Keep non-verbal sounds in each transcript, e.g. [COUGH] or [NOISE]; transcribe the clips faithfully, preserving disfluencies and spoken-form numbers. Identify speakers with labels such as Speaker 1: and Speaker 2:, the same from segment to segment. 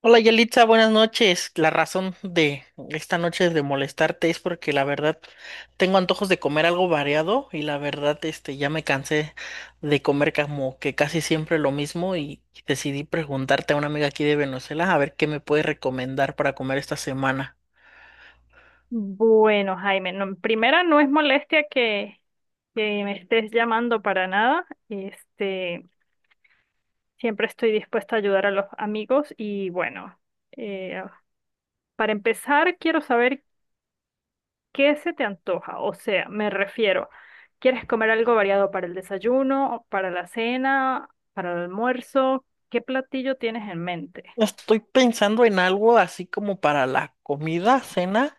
Speaker 1: Hola Yelitza, buenas noches. La razón de esta noche de molestarte es porque la verdad tengo antojos de comer algo variado y la verdad este ya me cansé de comer como que casi siempre lo mismo y decidí preguntarte a una amiga aquí de Venezuela a ver qué me puede recomendar para comer esta semana.
Speaker 2: Bueno, Jaime, no, en primera no es molestia que, que me estés llamando para nada. Este, siempre estoy dispuesta a ayudar a los amigos y bueno, eh, para empezar quiero saber qué se te antoja. O sea, me refiero, ¿quieres comer algo variado para el desayuno, para la cena, para el almuerzo? ¿Qué platillo tienes en mente?
Speaker 1: Estoy pensando en algo así como para la comida, cena.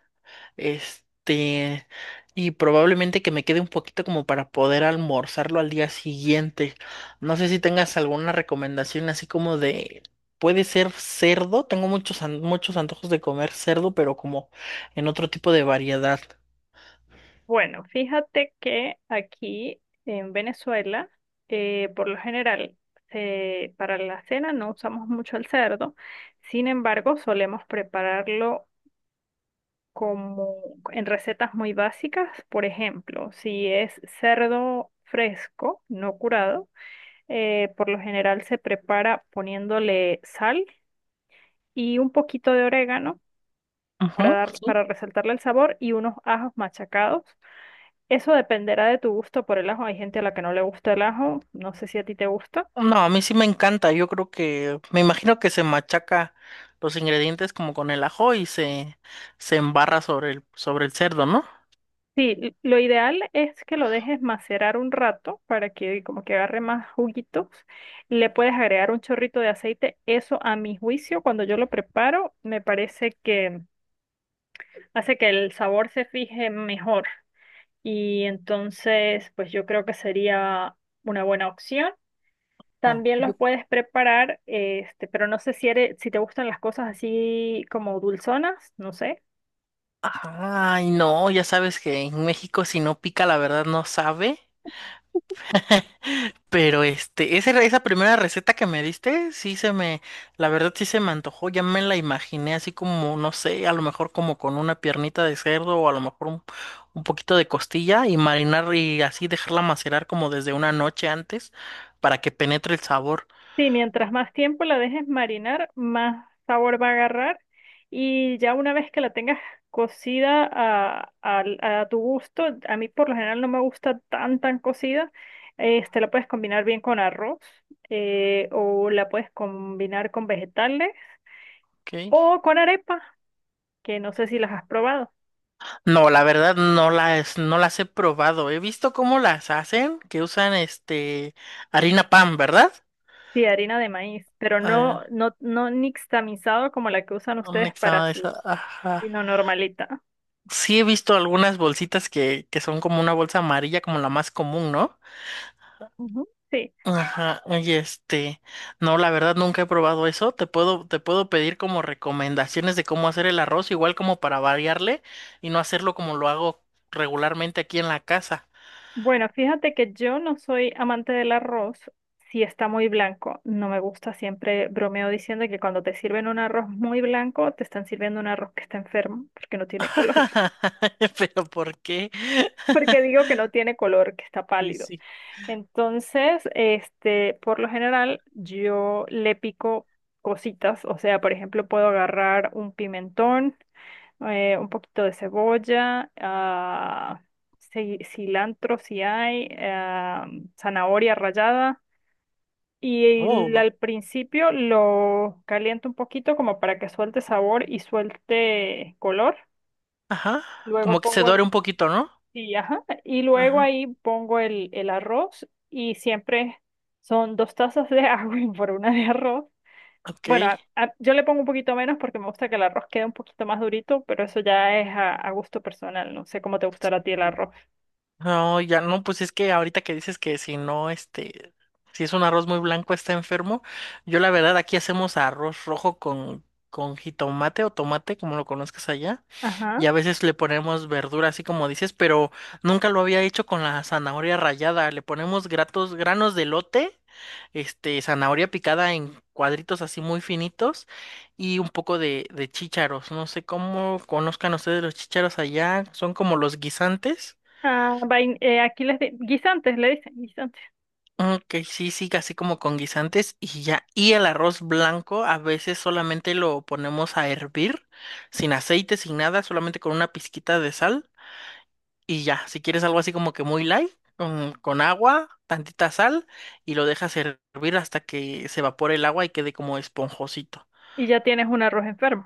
Speaker 1: Este, y probablemente que me quede un poquito como para poder almorzarlo al día siguiente. No sé si tengas alguna recomendación así como de, puede ser cerdo, tengo muchos, an- muchos antojos de comer cerdo, pero como en otro tipo de variedad.
Speaker 2: Bueno, fíjate que aquí en Venezuela, eh, por lo general, se- para la cena no usamos mucho el cerdo, sin embargo, solemos prepararlo como en recetas muy básicas. Por ejemplo, si es cerdo fresco, no curado, eh, por lo general se prepara poniéndole sal y un poquito de orégano
Speaker 1: Ujú,
Speaker 2: para dar,
Speaker 1: sí.
Speaker 2: para resaltarle el sabor y unos ajos machacados. Eso dependerá de tu gusto por el ajo. Hay gente a la que no le gusta el ajo. No sé si a ti te gusta.
Speaker 1: No, a mí sí me encanta, yo creo que, me imagino que se machaca los ingredientes como con el ajo y se, se embarra sobre el, sobre el cerdo, ¿no?
Speaker 2: Sí, l- lo ideal es que lo dejes macerar un rato para que como que agarre más juguitos. Le puedes agregar un chorrito de aceite. Eso a mi juicio, cuando yo lo preparo, me parece que hace que el sabor se fije mejor. Y entonces, pues yo creo que sería una buena opción.
Speaker 1: Ah.
Speaker 2: También los puedes preparar, este, pero no sé si eres- si te gustan las cosas así como dulzonas, no sé.
Speaker 1: Ay, no, ya sabes que en México si no pica, la verdad no sabe. [LAUGHS] Pero este, esa, esa primera receta que me diste, sí se me, la verdad sí se me antojó, ya me la imaginé así como, no sé, a lo mejor como con una piernita de cerdo o a lo mejor un, un poquito de costilla y marinar y así dejarla macerar como desde una noche antes para que penetre el sabor.
Speaker 2: Sí, mientras más tiempo la dejes marinar, más sabor va a agarrar. Y ya una vez que la tengas cocida a, al- a tu gusto, a mí por lo general no me gusta tan tan cocida, este, la puedes combinar bien con arroz, eh, o la puedes combinar con vegetales
Speaker 1: Ok.
Speaker 2: o con arepa, que no sé si las has probado.
Speaker 1: No, la verdad no las, no las he probado. He visto cómo las hacen, que usan este harina pan, ¿verdad?
Speaker 2: Sí, harina de maíz, pero no,
Speaker 1: Ah,
Speaker 2: no, no nixtamalizado como la que usan
Speaker 1: un
Speaker 2: ustedes para
Speaker 1: examen de esa.
Speaker 2: sus,
Speaker 1: Ajá.
Speaker 2: sino normalita.
Speaker 1: Sí he visto algunas bolsitas que, que son como una bolsa amarilla, como la más común, ¿no?
Speaker 2: Ujú. Sí.
Speaker 1: Ajá. Oye, este, no, la verdad nunca he probado eso. Te puedo, te puedo pedir como recomendaciones de cómo hacer el arroz, igual como para variarle y no hacerlo como lo hago regularmente aquí en la casa.
Speaker 2: Bueno, fíjate que yo no soy amante del arroz si está muy blanco. No me gusta, siempre bromeo diciendo que cuando te sirven un arroz muy blanco, te están sirviendo un arroz que está enfermo, porque no tiene color. [LAUGHS]
Speaker 1: [LAUGHS] Pero ¿por qué?
Speaker 2: Porque digo
Speaker 1: [LAUGHS]
Speaker 2: que no tiene color, que está
Speaker 1: Sí,
Speaker 2: pálido.
Speaker 1: sí.
Speaker 2: Entonces, este, por lo general, yo le pico cositas. O sea, por ejemplo, puedo agarrar un pimentón eh, un poquito de cebolla, ah, ci- cilantro si hay, ah, zanahoria rallada. Y el-
Speaker 1: Oh,
Speaker 2: al principio lo caliento un poquito como para que suelte sabor y suelte color.
Speaker 1: ajá.
Speaker 2: Luego
Speaker 1: Como que se
Speaker 2: pongo
Speaker 1: dore
Speaker 2: el...
Speaker 1: un poquito, ¿no?
Speaker 2: Sí, ajá. Y luego
Speaker 1: Ajá.
Speaker 2: ahí pongo el, el arroz y siempre son dos tazas de agua [LAUGHS] por una de arroz.
Speaker 1: Ok.
Speaker 2: Bueno, a- a- yo le pongo un poquito menos porque me gusta que el arroz quede un poquito más durito, pero eso ya es a, a gusto personal. No sé cómo te gustará a ti el arroz.
Speaker 1: No, ya no, pues es que ahorita que dices que si no, este, si es un arroz muy blanco está enfermo, yo la verdad aquí hacemos arroz rojo con, con jitomate o tomate, como lo conozcas allá,
Speaker 2: Ajá.
Speaker 1: y a veces le ponemos verdura, así como dices, pero nunca lo había hecho con la zanahoria rallada, le ponemos gratos, granos de lote este, zanahoria picada en cuadritos así muy finitos y un poco de, de chícharos. No sé cómo conozcan ustedes los chícharos allá, son como los guisantes.
Speaker 2: Ah, vain- eh, aquí les di- guisantes, le dicen guisantes.
Speaker 1: Ok, sí, sí, así como con guisantes y ya. Y el arroz blanco a veces solamente lo ponemos a hervir, sin aceite, sin nada, solamente con una pizquita de sal y ya. Si quieres algo así como que muy light, con, con agua, tantita sal y lo dejas hervir hasta que se evapore el agua y quede como esponjosito.
Speaker 2: Y ya tienes un arroz enfermo.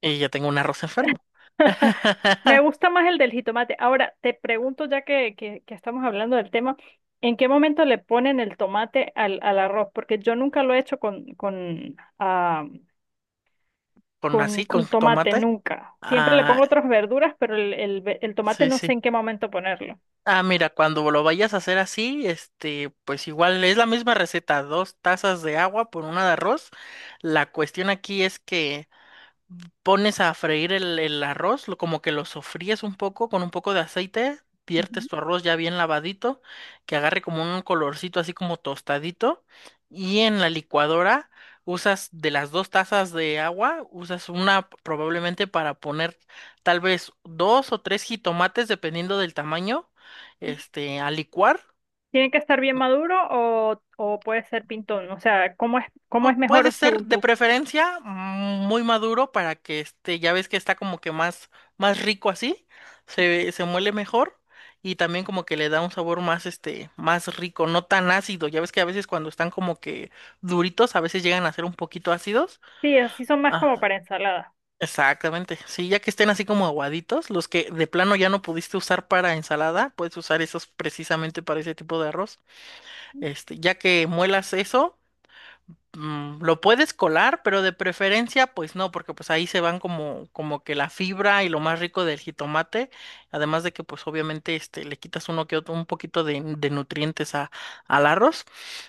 Speaker 1: Y ya tengo un arroz enfermo.
Speaker 2: [LAUGHS] Me
Speaker 1: [LAUGHS]
Speaker 2: gusta más el del jitomate. Ahora, te pregunto, ya que, que, que estamos hablando del tema, ¿en qué momento le ponen el tomate al, al arroz? Porque yo nunca lo he hecho con, con, ah,
Speaker 1: Con
Speaker 2: con,
Speaker 1: así, con
Speaker 2: con tomate,
Speaker 1: tomate.
Speaker 2: nunca. Siempre le
Speaker 1: Ah,
Speaker 2: pongo otras verduras, pero el, el ve- el tomate
Speaker 1: sí,
Speaker 2: no sé
Speaker 1: sí.
Speaker 2: en qué momento ponerlo.
Speaker 1: Ah, mira, cuando lo vayas a hacer así, este, pues igual es la misma receta, dos tazas de agua por una de arroz. La cuestión aquí es que pones a freír el, el arroz, lo- como que lo sofríes un poco con un poco de aceite,
Speaker 2: Ujú.
Speaker 1: viertes tu arroz ya bien lavadito, que agarre como un colorcito así como tostadito, y en la licuadora usas de las dos tazas de agua, usas una probablemente para poner tal vez dos o tres jitomates, dependiendo del tamaño, este, a licuar.
Speaker 2: ¿Tiene que estar bien maduro o, o puede ser pintón? O sea, ¿cómo es, cómo es
Speaker 1: Pu- Puede
Speaker 2: mejor
Speaker 1: ser
Speaker 2: según
Speaker 1: de
Speaker 2: tú?
Speaker 1: preferencia mm, muy maduro para que este, ya ves que está como que más, más rico así, se, se muele mejor y también como que le da un sabor más, este, más rico, no tan ácido. Ya ves que a veces cuando están como que duritos, a veces llegan a ser un poquito ácidos.
Speaker 2: Sí, así son más como
Speaker 1: Ajá,
Speaker 2: para ensalada.
Speaker 1: exactamente. Sí, ya que estén así como aguaditos, los que de plano ya no pudiste usar para ensalada, puedes usar esos precisamente para ese tipo de arroz. Este, ya que muelas eso mm, lo puedes colar, pero de preferencia, pues no, porque pues ahí se van como, como que la fibra y lo más rico del jitomate, además de que pues obviamente este, le quitas uno que otro, un poquito de, de nutrientes a, al arroz.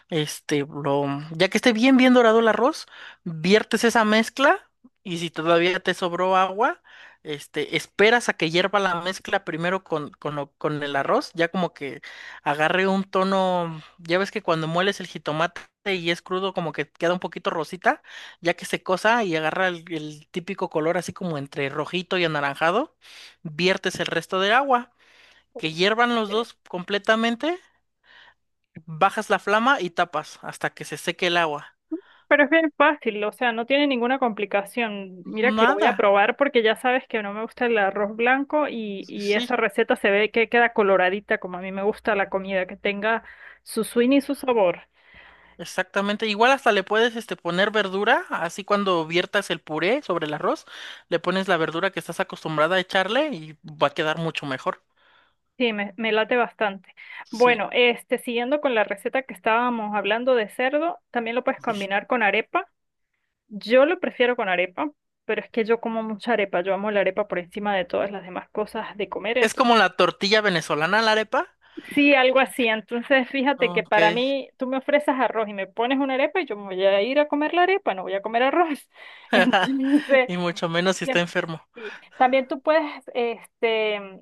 Speaker 1: Este, lo, ya que esté bien, bien dorado el arroz, viertes esa mezcla y si todavía te sobró agua, este, esperas a que hierva la mezcla primero con, con, lo- con el arroz, ya como que agarre un tono, ya ves que cuando mueles el jitomate, este, y es crudo, como que queda un poquito rosita, ya que se cosa y agarra el, el típico color así como entre rojito y anaranjado, viertes el resto del agua, que hiervan los
Speaker 2: Eh,
Speaker 1: dos completamente, bajas la flama y tapas hasta que se seque el agua.
Speaker 2: Pero es bien fácil, o sea, no tiene ninguna complicación. Mira que lo voy
Speaker 1: Nada,
Speaker 2: a probar porque ya sabes que no me gusta el arroz blanco y,
Speaker 1: sí,
Speaker 2: y
Speaker 1: sí,
Speaker 2: esa receta se ve que queda coloradita como a mí me gusta la comida, que tenga su swing y su sabor.
Speaker 1: exactamente. Igual hasta le puedes este, poner verdura, así cuando viertas el puré sobre el arroz, le pones la verdura que estás acostumbrada a echarle y va a quedar mucho mejor.
Speaker 2: Sí, me, me late bastante.
Speaker 1: Sí,
Speaker 2: Bueno, este, siguiendo con la receta que estábamos hablando de cerdo, también lo puedes
Speaker 1: sí, sí.
Speaker 2: combinar con arepa. Yo lo prefiero con arepa, pero es que yo como mucha arepa, yo amo la arepa por encima de todas las demás cosas de comer,
Speaker 1: Es
Speaker 2: entonces.
Speaker 1: como la tortilla venezolana, la arepa.
Speaker 2: Sí, algo así. Entonces, fíjate que
Speaker 1: Ok.
Speaker 2: para mí, tú me ofreces arroz y me pones una arepa y yo me voy a ir a comer la arepa, no voy a comer arroz. [LAUGHS]
Speaker 1: [LAUGHS]
Speaker 2: Entonces,
Speaker 1: Y mucho menos si está
Speaker 2: Bien.
Speaker 1: enfermo.
Speaker 2: Sí. También tú puedes este,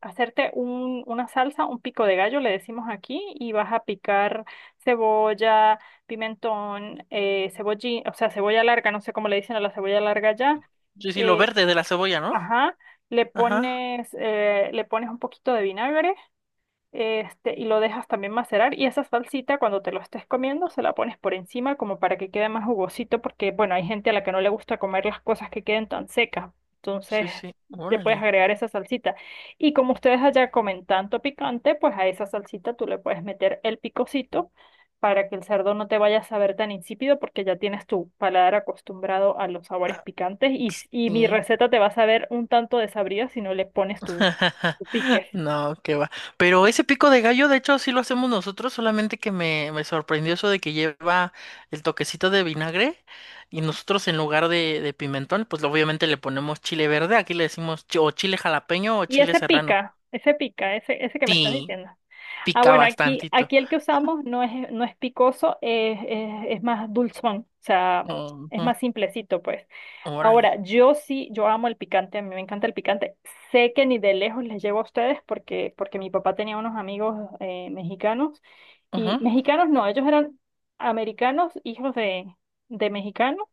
Speaker 2: hacerte un, una salsa, un pico de gallo, le decimos aquí, y vas a picar cebolla, pimentón, eh, cebollín, o sea, cebolla larga, no sé cómo le dicen a la cebolla larga ya.
Speaker 1: Sí, sí, lo
Speaker 2: eh,
Speaker 1: verde de la cebolla, ¿no?
Speaker 2: ajá, le
Speaker 1: Ajá.
Speaker 2: pones, eh, le pones un poquito de vinagre, este, y lo dejas también macerar. Y esa salsita, cuando te lo estés comiendo, se la pones por encima como para que quede más jugosito, porque bueno, hay gente a la que no le gusta comer las cosas que queden tan secas. Entonces,
Speaker 1: Sí, sí.
Speaker 2: le puedes
Speaker 1: Órale.
Speaker 2: agregar esa salsita. Y como ustedes allá comen tanto picante, pues a esa salsita tú le puedes meter el picocito para que el cerdo no te vaya a saber tan insípido, porque ya tienes tu paladar acostumbrado a los sabores
Speaker 1: Ah,
Speaker 2: picantes. Y, y mi
Speaker 1: sí.
Speaker 2: receta te va a saber un tanto desabrida si no le pones tu,
Speaker 1: [LAUGHS]
Speaker 2: tu pique.
Speaker 1: No, qué va. Pero ese pico de gallo, de hecho, sí lo hacemos nosotros, solamente que me, me sorprendió eso de que lleva el toquecito de vinagre y nosotros en lugar de, de pimentón, pues obviamente le ponemos chile verde, aquí le decimos chi- o chile jalapeño o
Speaker 2: Y
Speaker 1: chile
Speaker 2: ese
Speaker 1: serrano.
Speaker 2: pica, ese pica, ese, ese que me estás
Speaker 1: Sí,
Speaker 2: diciendo. Ah,
Speaker 1: pica
Speaker 2: bueno, aquí,
Speaker 1: bastantito.
Speaker 2: aquí el que usamos no es, no es picoso, es, es, es más dulzón, o sea, es
Speaker 1: Ujú.
Speaker 2: más simplecito, pues.
Speaker 1: Órale.
Speaker 2: Ahora, yo sí, yo amo el picante, a mí me encanta el picante. Sé que ni de lejos les llevo a ustedes porque, porque mi papá tenía unos amigos eh, mexicanos y
Speaker 1: Ujú.
Speaker 2: mexicanos no, ellos eran americanos, hijos de, de mexicanos,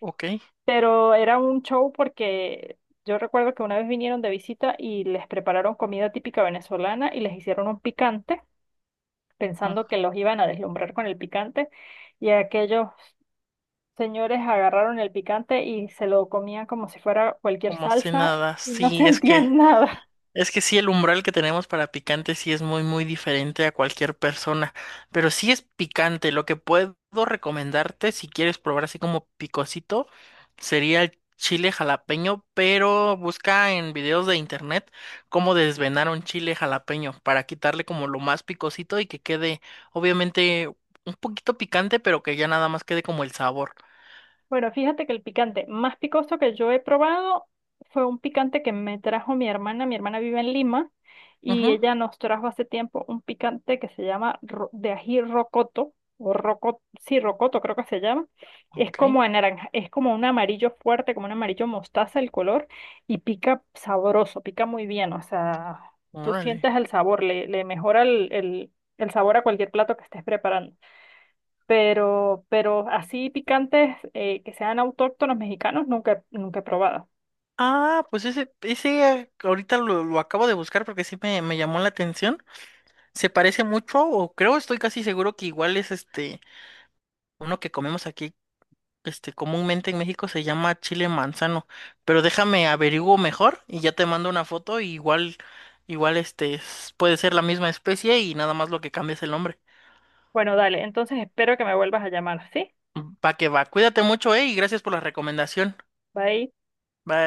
Speaker 1: Ok.
Speaker 2: pero era un show porque yo recuerdo que una vez vinieron de visita y les prepararon comida típica venezolana y les hicieron un picante, pensando
Speaker 1: Ujú.
Speaker 2: que los iban a deslumbrar con el picante, y aquellos señores agarraron el picante y se lo comían como si fuera cualquier
Speaker 1: Como si
Speaker 2: salsa
Speaker 1: nada,
Speaker 2: y no [LAUGHS]
Speaker 1: sí, es que,
Speaker 2: sentían nada.
Speaker 1: es que sí, el umbral que tenemos para picante sí es muy, muy diferente a cualquier persona, pero sí es picante. Lo que puedo recomendarte, si quieres probar así como picosito, sería el chile jalapeño, pero busca en videos de internet cómo desvenar un chile jalapeño para quitarle como lo más picosito y que quede, obviamente, un poquito picante, pero que ya nada más quede como el sabor.
Speaker 2: Bueno, fíjate que el picante más picoso que yo he probado fue un picante que me trajo mi hermana. Mi hermana vive en Lima y
Speaker 1: Ujú,
Speaker 2: ella nos trajo hace tiempo un picante que se llama ro- de ají rocoto o rocoto, sí, rocoto creo que se llama. Es
Speaker 1: ok,
Speaker 2: como de naranja, es como un amarillo fuerte, como un amarillo mostaza el color y pica sabroso, pica muy bien. O sea, tú
Speaker 1: órale.
Speaker 2: sientes el sabor, le, le mejora el, el el sabor a cualquier plato que estés preparando, pero, pero así picantes eh, que sean autóctonos mexicanos nunca, nunca he probado.
Speaker 1: Ah, pues ese, ese eh, ahorita lo, lo acabo de buscar porque sí me, me llamó la atención. Se parece mucho, o creo, estoy casi seguro que igual es este, uno que comemos aquí, este, comúnmente en México se llama chile manzano. Pero déjame averiguo mejor y ya te mando una foto, y igual, igual este, es- puede ser la misma especie y nada más lo que cambia es el nombre.
Speaker 2: Bueno, dale, entonces espero que me vuelvas a llamar, ¿sí?
Speaker 1: Mm, Va que va, cuídate mucho, eh, y gracias por la recomendación.
Speaker 2: Bye.
Speaker 1: Bye.